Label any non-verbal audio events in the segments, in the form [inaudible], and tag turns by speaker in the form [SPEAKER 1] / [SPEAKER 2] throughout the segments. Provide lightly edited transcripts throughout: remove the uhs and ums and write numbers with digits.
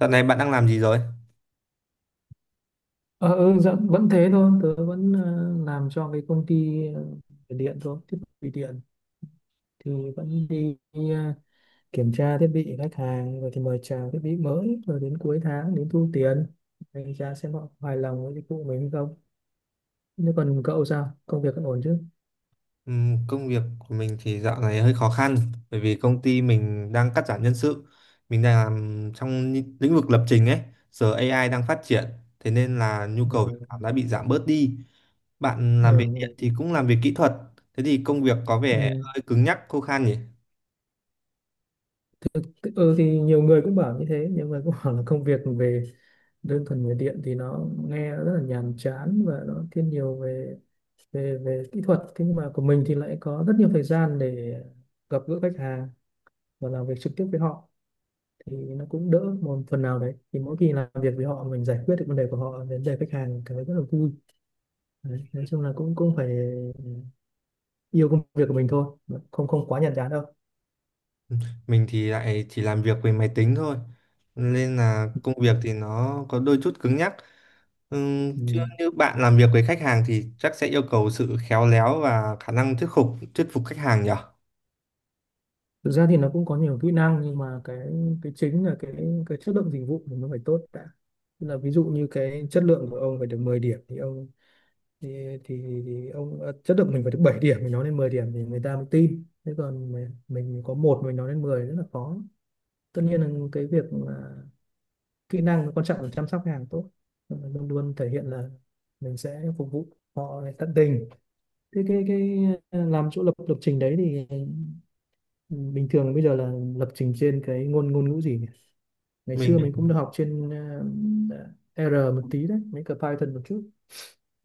[SPEAKER 1] Dạo này bạn đang làm gì rồi?
[SPEAKER 2] Ờ, ừ, dạ, vẫn thế thôi, tớ vẫn làm cho cái công ty về điện thôi, thiết bị điện thì vẫn đi kiểm tra thiết bị khách hàng rồi thì mời chào thiết bị mới rồi đến cuối tháng đến thu tiền, đánh giá xem họ hài lòng với dịch vụ mình không. Nếu còn cậu sao? Công việc vẫn ổn chứ?
[SPEAKER 1] Công việc của mình thì dạo này hơi khó khăn bởi vì công ty mình đang cắt giảm nhân sự. Mình đang làm trong lĩnh lĩnh vực lập trình ấy, giờ AI đang phát triển, thế nên là nhu cầu việc làm
[SPEAKER 2] Ừ.
[SPEAKER 1] đã bị giảm bớt đi. Bạn làm về điện
[SPEAKER 2] Ừ.
[SPEAKER 1] thì cũng làm về kỹ thuật, thế thì công việc có vẻ
[SPEAKER 2] Ừ.
[SPEAKER 1] hơi cứng nhắc, khô khan nhỉ?
[SPEAKER 2] Ừ, thì nhiều người cũng bảo như thế, nhiều người cũng [laughs] bảo là công việc về đơn thuần về điện thì nó nghe rất là nhàm chán, và nó thiên nhiều về về về kỹ thuật, thế nhưng mà của mình thì lại có rất nhiều thời gian để gặp gỡ khách hàng và làm việc trực tiếp với họ, thì nó cũng đỡ một phần nào đấy. Thì mỗi khi làm việc với họ mình giải quyết được vấn đề của họ, vấn đề khách hàng cảm thấy rất là vui đấy. Nói chung là cũng cũng phải yêu công việc của mình thôi, không không quá nhàm chán đâu.
[SPEAKER 1] Mình thì lại chỉ làm việc với máy tính thôi nên là công việc thì nó có đôi chút cứng nhắc. Chứ
[SPEAKER 2] Ừ.
[SPEAKER 1] như bạn làm việc với khách hàng thì chắc sẽ yêu cầu sự khéo léo và khả năng thuyết phục khách hàng nhỉ.
[SPEAKER 2] Thực ra thì nó cũng có nhiều kỹ năng, nhưng mà cái chính là cái chất lượng dịch vụ của nó phải tốt đã. Tức là ví dụ như cái chất lượng của ông phải được 10 điểm, thì, thì ông à, chất lượng mình phải được 7 điểm, mình nói lên 10 điểm thì người ta mới tin, thế còn mình có một mình nói lên 10 rất là khó. Tất nhiên là cái việc mà kỹ năng quan trọng là chăm sóc khách hàng tốt, luôn luôn thể hiện là mình sẽ phục vụ họ tận tình. Thế làm chỗ lập lập trình đấy thì, ừ, bình thường bây giờ là lập trình trên cái ngôn ngôn ngữ gì nhỉ? Ngày xưa
[SPEAKER 1] mình
[SPEAKER 2] mình cũng được học trên, R một tí đấy, mấy cái Python một chút.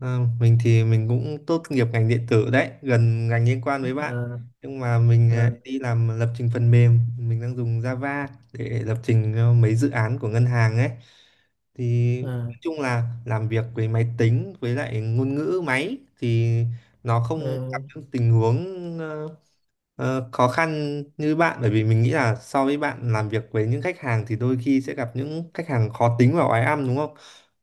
[SPEAKER 1] À, mình thì mình cũng tốt nghiệp ngành điện tử đấy, gần ngành liên quan với bạn.
[SPEAKER 2] À,
[SPEAKER 1] Nhưng mà mình
[SPEAKER 2] à,
[SPEAKER 1] đi làm lập trình phần mềm, mình đang dùng Java để lập trình cho mấy dự án của ngân hàng ấy. Thì
[SPEAKER 2] à,
[SPEAKER 1] nói chung là làm việc với máy tính với lại ngôn ngữ máy thì nó không
[SPEAKER 2] à,
[SPEAKER 1] gặp những tình huống khó khăn như bạn bởi vì mình nghĩ là so với bạn làm việc với những khách hàng thì đôi khi sẽ gặp những khách hàng khó tính và oái ăm đúng không?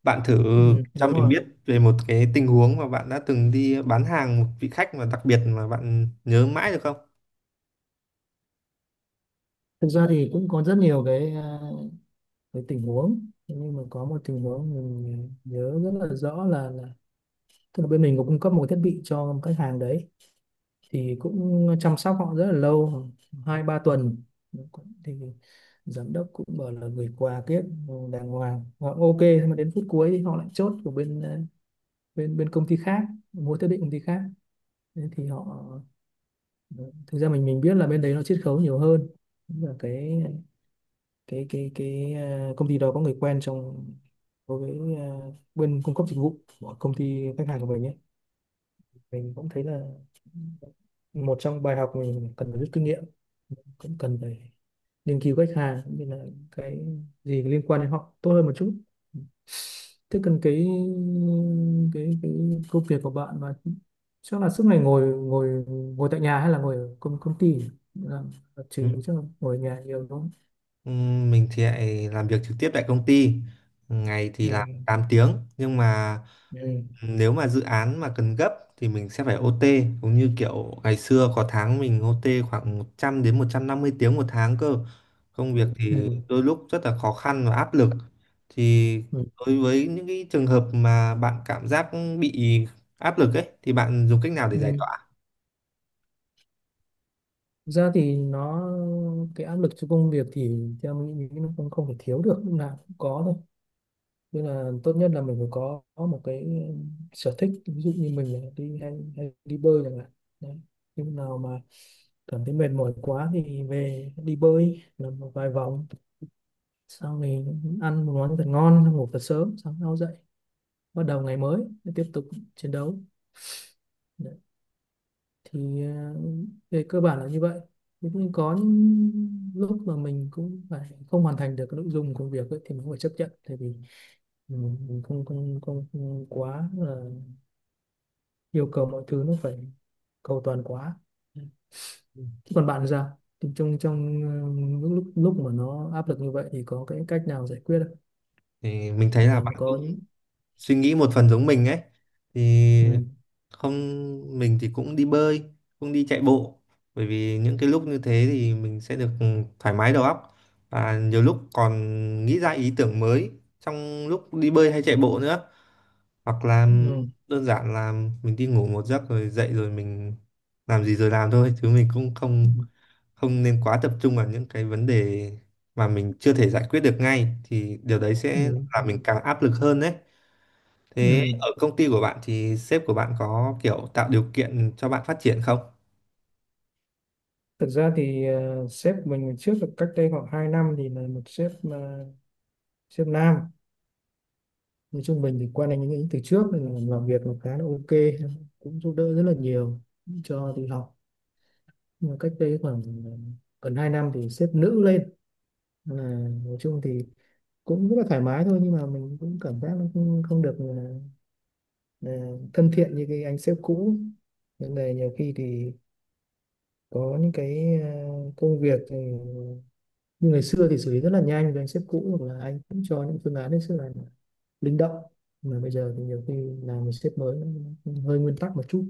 [SPEAKER 1] Bạn thử
[SPEAKER 2] ừ,
[SPEAKER 1] cho
[SPEAKER 2] đúng
[SPEAKER 1] mình
[SPEAKER 2] rồi.
[SPEAKER 1] biết về một cái tình huống mà bạn đã từng đi bán hàng một vị khách mà đặc biệt mà bạn nhớ mãi được không?
[SPEAKER 2] Thực ra thì cũng có rất nhiều cái tình huống. Thế nhưng mà có một tình huống mình nhớ rất là rõ, là tức là bên mình có cung cấp một cái thiết bị cho khách hàng đấy, thì cũng chăm sóc họ rất là lâu, hai ba tuần, thì giám đốc cũng bảo là gửi quà kiếp đàng hoàng, họ ok nhưng mà đến phút cuối thì họ lại chốt của bên à, bên bên công ty khác, mua thiết bị công ty khác. Thế thì họ, thực ra mình biết là bên đấy nó chiết khấu nhiều hơn, và công ty đó có người quen trong, đối với bên cung cấp dịch vụ của công ty khách hàng của mình ấy. Mình cũng thấy là một trong bài học mình cần phải rút kinh nghiệm, cũng cần phải nghiên cứu khách hàng cũng như là cái gì liên quan đến họ tốt hơn một chút. Thế cần cái công việc của bạn mà chắc là suốt ngày ngồi ngồi ngồi tại nhà, hay là ngồi ở công công ty làm lập
[SPEAKER 1] Ừ.
[SPEAKER 2] trình, chắc là ngồi ở nhà nhiều đúng không?
[SPEAKER 1] Mình thì lại làm việc trực tiếp tại công ty. Ngày
[SPEAKER 2] Ừ.
[SPEAKER 1] thì làm 8 tiếng nhưng mà
[SPEAKER 2] Ừ.
[SPEAKER 1] nếu mà dự án mà cần gấp thì mình sẽ phải OT, cũng như kiểu ngày xưa có tháng mình OT khoảng 100 đến 150 tiếng 1 tháng cơ. Công việc thì
[SPEAKER 2] Ừ.
[SPEAKER 1] đôi lúc rất là khó khăn và áp lực, thì đối với những cái trường hợp mà bạn cảm giác bị áp lực ấy thì bạn dùng cách nào để giải
[SPEAKER 2] Ừ.
[SPEAKER 1] tỏa?
[SPEAKER 2] Thực ra thì nó, cái áp lực cho công việc thì theo mình nghĩ nó không không thể thiếu được, lúc nào cũng có thôi, nên là tốt nhất là mình phải có một cái sở thích, ví dụ như mình là đi hay đi bơi chẳng hạn. Đấy. Lúc nào mà cảm thấy mệt mỏi quá thì về đi bơi làm một vài vòng, xong thì ăn một món thật ngon, xong ngủ thật sớm, sáng sau dậy bắt đầu ngày mới tiếp tục chiến đấu. Thì về cơ bản là như vậy. Cũng có những lúc mà mình cũng phải không hoàn thành được cái nội dung công việc ấy, thì mình cũng phải chấp nhận, tại vì mình không, không không không quá là yêu cầu mọi thứ nó phải cầu toàn quá. Thế còn bạn thì sao, thì trong trong lúc lúc lúc mà nó áp lực như vậy thì có cái cách nào giải quyết
[SPEAKER 1] Thì mình thấy
[SPEAKER 2] không,
[SPEAKER 1] là bạn
[SPEAKER 2] làm có?
[SPEAKER 1] cũng suy nghĩ một phần giống mình ấy. Thì
[SPEAKER 2] Ừ.
[SPEAKER 1] không, mình thì cũng đi bơi, cũng đi chạy bộ bởi vì những cái lúc như thế thì mình sẽ được thoải mái đầu óc và nhiều lúc còn nghĩ ra ý tưởng mới trong lúc đi bơi hay chạy bộ nữa, hoặc là
[SPEAKER 2] Ừ.
[SPEAKER 1] đơn giản là mình đi ngủ một giấc rồi dậy rồi mình làm gì rồi làm thôi, chứ mình cũng
[SPEAKER 2] Ừ.
[SPEAKER 1] không không nên quá tập trung vào những cái vấn đề mà mình chưa thể giải quyết được ngay, thì điều đấy sẽ
[SPEAKER 2] Ừ. Ừ.
[SPEAKER 1] làm mình càng áp lực hơn đấy. Thế
[SPEAKER 2] Ừ.
[SPEAKER 1] ở công ty của bạn thì sếp của bạn có kiểu tạo điều kiện cho bạn phát triển không?
[SPEAKER 2] Thực ra thì sếp của mình trước là cách đây khoảng 2 năm, thì là một sếp mà, sếp nam, nói chung mình thì quen anh ấy từ trước nên là làm việc nó khá là ok, cũng giúp đỡ rất là nhiều, cho đi học. Nhưng mà cách đây khoảng gần 2 năm thì xếp nữ lên, là nói chung thì cũng rất là thoải mái thôi, nhưng mà mình cũng cảm giác nó không được, ờ, thân thiện như cái anh sếp cũ, nên là nhiều khi thì có những cái công việc thì như ngày xưa thì xử lý rất là nhanh với anh sếp cũ, hoặc là anh cũng cho những phương án hết sức là linh động, mà bây giờ thì nhiều khi làm một sếp mới, nó hơi nguyên tắc một chút,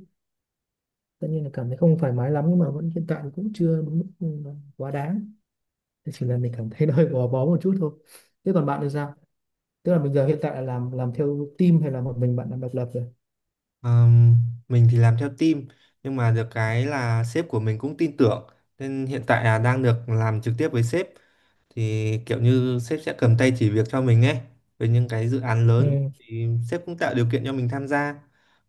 [SPEAKER 2] tất nhiên là cảm thấy không thoải mái lắm, nhưng mà vẫn, hiện tại cũng chưa đến mức quá đáng. Thế chỉ là mình cảm thấy [laughs] nó hơi gò bó một chút thôi. Thế còn bạn thì sao, tức là bây giờ hiện tại là làm theo team hay là một mình bạn làm độc lập rồi?
[SPEAKER 1] Ờm, mình thì làm theo team nhưng mà được cái là sếp của mình cũng tin tưởng, nên hiện tại là đang được làm trực tiếp với sếp, thì kiểu như sếp sẽ cầm tay chỉ việc cho mình ấy. Với những cái dự án lớn
[SPEAKER 2] Ừ.
[SPEAKER 1] thì sếp cũng tạo điều kiện cho mình tham gia,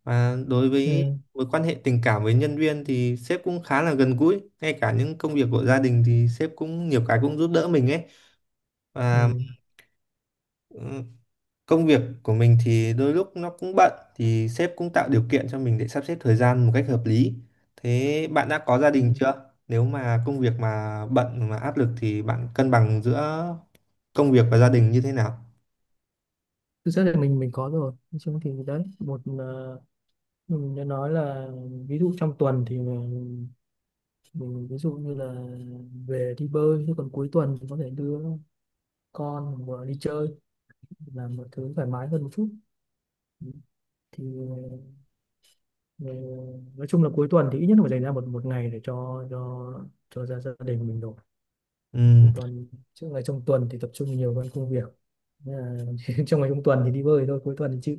[SPEAKER 1] và đối
[SPEAKER 2] Ừ.
[SPEAKER 1] với mối quan hệ tình cảm với nhân viên thì sếp cũng khá là gần gũi, ngay cả những công việc của gia đình thì sếp cũng nhiều cái cũng giúp đỡ mình ấy. Và
[SPEAKER 2] Ừ.
[SPEAKER 1] ừ, công việc của mình thì đôi lúc nó cũng bận thì sếp cũng tạo điều kiện cho mình để sắp xếp thời gian một cách hợp lý. Thế bạn đã có gia đình
[SPEAKER 2] Ừ.
[SPEAKER 1] chưa? Nếu mà công việc mà bận mà áp lực thì bạn cân bằng giữa công việc và gia đình như thế nào?
[SPEAKER 2] Thực ra thì mình có rồi, nói chung thì đấy một, mình đã nói là, ví dụ trong tuần thì mình ví dụ như là về đi bơi, chứ còn cuối tuần có thể đưa con vừa đi chơi, là một thứ thoải mái hơn một chút. Ừ. Thì ờ, nói chung là cuối tuần thì ít nhất là phải dành ra một một ngày để cho gia gia đình mình rồi, chứ
[SPEAKER 1] Ừ,
[SPEAKER 2] còn trước ngày trong tuần thì tập trung nhiều hơn công việc. Nên là, [laughs] trong ngày trong tuần thì đi bơi thôi, cuối tuần thì chịu,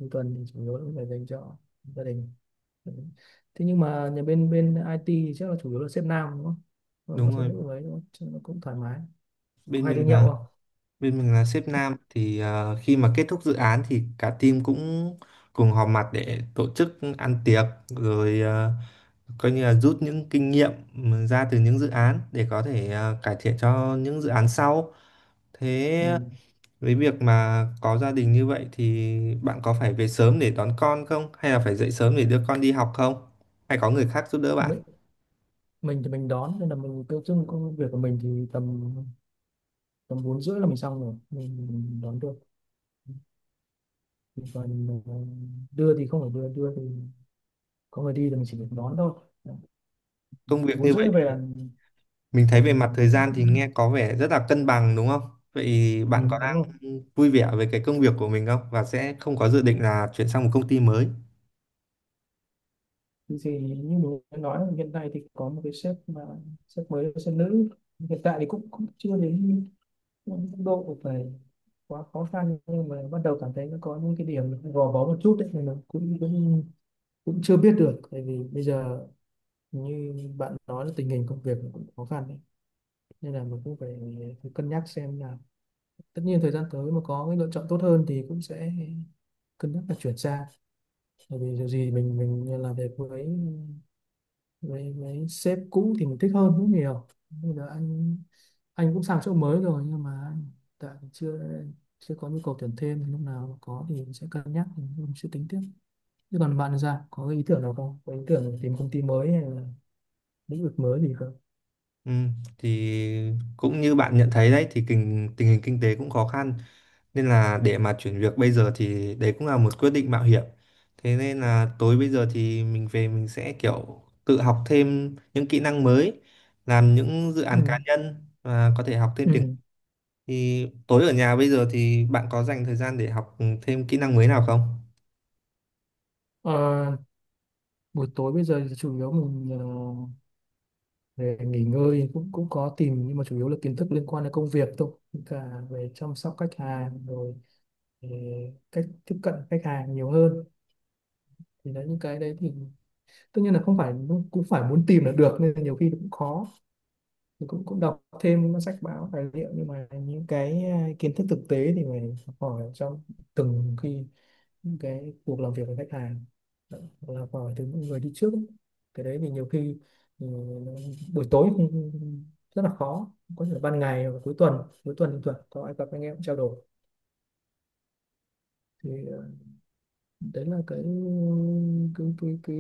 [SPEAKER 2] cuối tuần thì chủ yếu là cũng phải dành cho gia đình. Ừ. Thế nhưng mà nhà bên bên IT thì chắc là chủ yếu là sếp nam đúng không, còn
[SPEAKER 1] đúng
[SPEAKER 2] sếp
[SPEAKER 1] rồi.
[SPEAKER 2] nữ ấy đúng không cho nó cũng thoải mái, có
[SPEAKER 1] Bên
[SPEAKER 2] hay đi
[SPEAKER 1] mình
[SPEAKER 2] nhậu
[SPEAKER 1] là
[SPEAKER 2] không?
[SPEAKER 1] Bên mình là sếp nam thì khi mà kết thúc dự án thì cả team cũng cùng họp mặt để tổ chức ăn tiệc rồi coi như là rút những kinh nghiệm, ừ, ra từ những dự án để có thể, à, cải thiện cho những dự án sau.
[SPEAKER 2] Ừ.
[SPEAKER 1] Thế với việc mà có gia đình như vậy thì bạn có phải về sớm để đón con không? Hay là phải dậy sớm để đưa con đi học không? Hay có người khác giúp đỡ bạn?
[SPEAKER 2] Mấy, mình thì mình đón, nên là mình tiêu dưng công việc của mình thì tầm tầm bốn rưỡi là mình xong rồi mình đón được, còn đưa thì không phải đưa đưa thì có người đi, thì mình chỉ được đón thôi.
[SPEAKER 1] Công việc
[SPEAKER 2] Bốn
[SPEAKER 1] như vậy
[SPEAKER 2] rưỡi về
[SPEAKER 1] thì
[SPEAKER 2] là
[SPEAKER 1] mình thấy về mặt
[SPEAKER 2] mình
[SPEAKER 1] thời gian thì
[SPEAKER 2] cũng,
[SPEAKER 1] nghe có vẻ rất là cân bằng đúng không? Vậy
[SPEAKER 2] ừ,
[SPEAKER 1] bạn có
[SPEAKER 2] đúng
[SPEAKER 1] đang
[SPEAKER 2] không?
[SPEAKER 1] vui vẻ với cái công việc của mình không? Và sẽ không có dự định là chuyển sang một công ty mới?
[SPEAKER 2] Thì như mình đã nói, hiện nay thì có một cái sếp mà sếp mới là sếp nữ, hiện tại thì cũng cũng chưa đến mức độ phải quá khó khăn, nhưng mà bắt đầu cảm thấy nó có những cái điểm gò bó một chút đấy, thì mình cũng cũng cũng chưa biết được, tại vì bây giờ như bạn nói là tình hình công việc cũng khó khăn đấy. Nên là mình cũng phải cân nhắc xem là, tất nhiên thời gian tới mà có cái lựa chọn tốt hơn thì cũng sẽ cân nhắc là chuyển sang, bởi vì dù gì mình làm việc với với sếp cũ thì mình thích hơn rất nhiều. Bây giờ anh cũng sang chỗ mới rồi, nhưng mà anh tại chưa, chưa có nhu cầu tuyển thêm, lúc nào mà có thì mình sẽ cân nhắc, mình sẽ tính tiếp. Chứ còn bạn thì sao, có cái ý tưởng nào không, có ý tưởng tìm công ty mới hay là lĩnh vực mới gì không?
[SPEAKER 1] Ừ, thì cũng như bạn nhận thấy đấy thì tình hình kinh tế cũng khó khăn, nên là để mà chuyển việc bây giờ thì đấy cũng là một quyết định mạo hiểm. Thế nên là tối bây giờ thì mình về mình sẽ kiểu tự học thêm những kỹ năng mới, làm những dự án
[SPEAKER 2] Ừ.
[SPEAKER 1] cá nhân và có thể học thêm tiếng.
[SPEAKER 2] Ừ.
[SPEAKER 1] Thì tối ở nhà bây giờ thì bạn có dành thời gian để học thêm kỹ năng mới nào không?
[SPEAKER 2] Ờ, buổi tối bây giờ thì chủ yếu mình về nghỉ ngơi, cũng cũng có tìm, nhưng mà chủ yếu là kiến thức liên quan đến công việc thôi. Với cả về chăm sóc khách hàng, rồi về cách tiếp cận khách hàng nhiều hơn, thì đấy những cái đấy thì tất nhiên là không phải cũng phải muốn tìm là được, nên là nhiều khi cũng khó. Thì cũng cũng đọc thêm các sách báo tài liệu, nhưng mà những cái kiến thức thực tế thì phải học hỏi trong từng khi những cái cuộc làm việc với khách hàng, hoặc là hỏi từ những người đi trước ấy. Cái đấy thì nhiều khi, ừ, buổi tối cũng rất là khó, có thể là ban ngày hoặc cuối tuần, cuối tuần thì tuần có ai gặp anh em trao đổi. Thì đấy là cái cái cái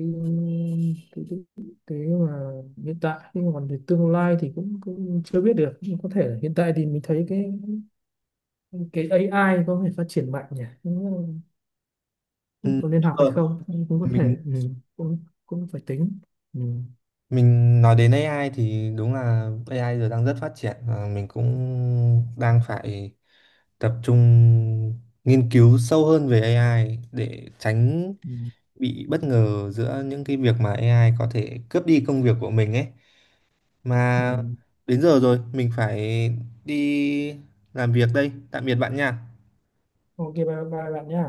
[SPEAKER 2] cái, cái, cái mà hiện tại, nhưng mà còn về tương lai thì cũng chưa biết được, nhưng có thể là hiện tại thì mình thấy cái AI có thể phát triển mạnh nhỉ,
[SPEAKER 1] Ừ,
[SPEAKER 2] có nên
[SPEAKER 1] đúng
[SPEAKER 2] học hay
[SPEAKER 1] rồi.
[SPEAKER 2] không, cũng cũng có thể.
[SPEAKER 1] mình
[SPEAKER 2] Ừ. cũng cũng phải tính. Ừ.
[SPEAKER 1] mình nói đến AI thì đúng là AI giờ đang rất phát triển, và mình cũng đang phải tập trung nghiên cứu sâu hơn về AI để tránh
[SPEAKER 2] Ừ.
[SPEAKER 1] bị bất ngờ giữa những cái việc mà AI có thể cướp đi công việc của mình ấy. Mà
[SPEAKER 2] Ừ.
[SPEAKER 1] đến giờ rồi mình phải đi làm việc đây, tạm biệt bạn nha.
[SPEAKER 2] Ok, bye bye bạn nhá.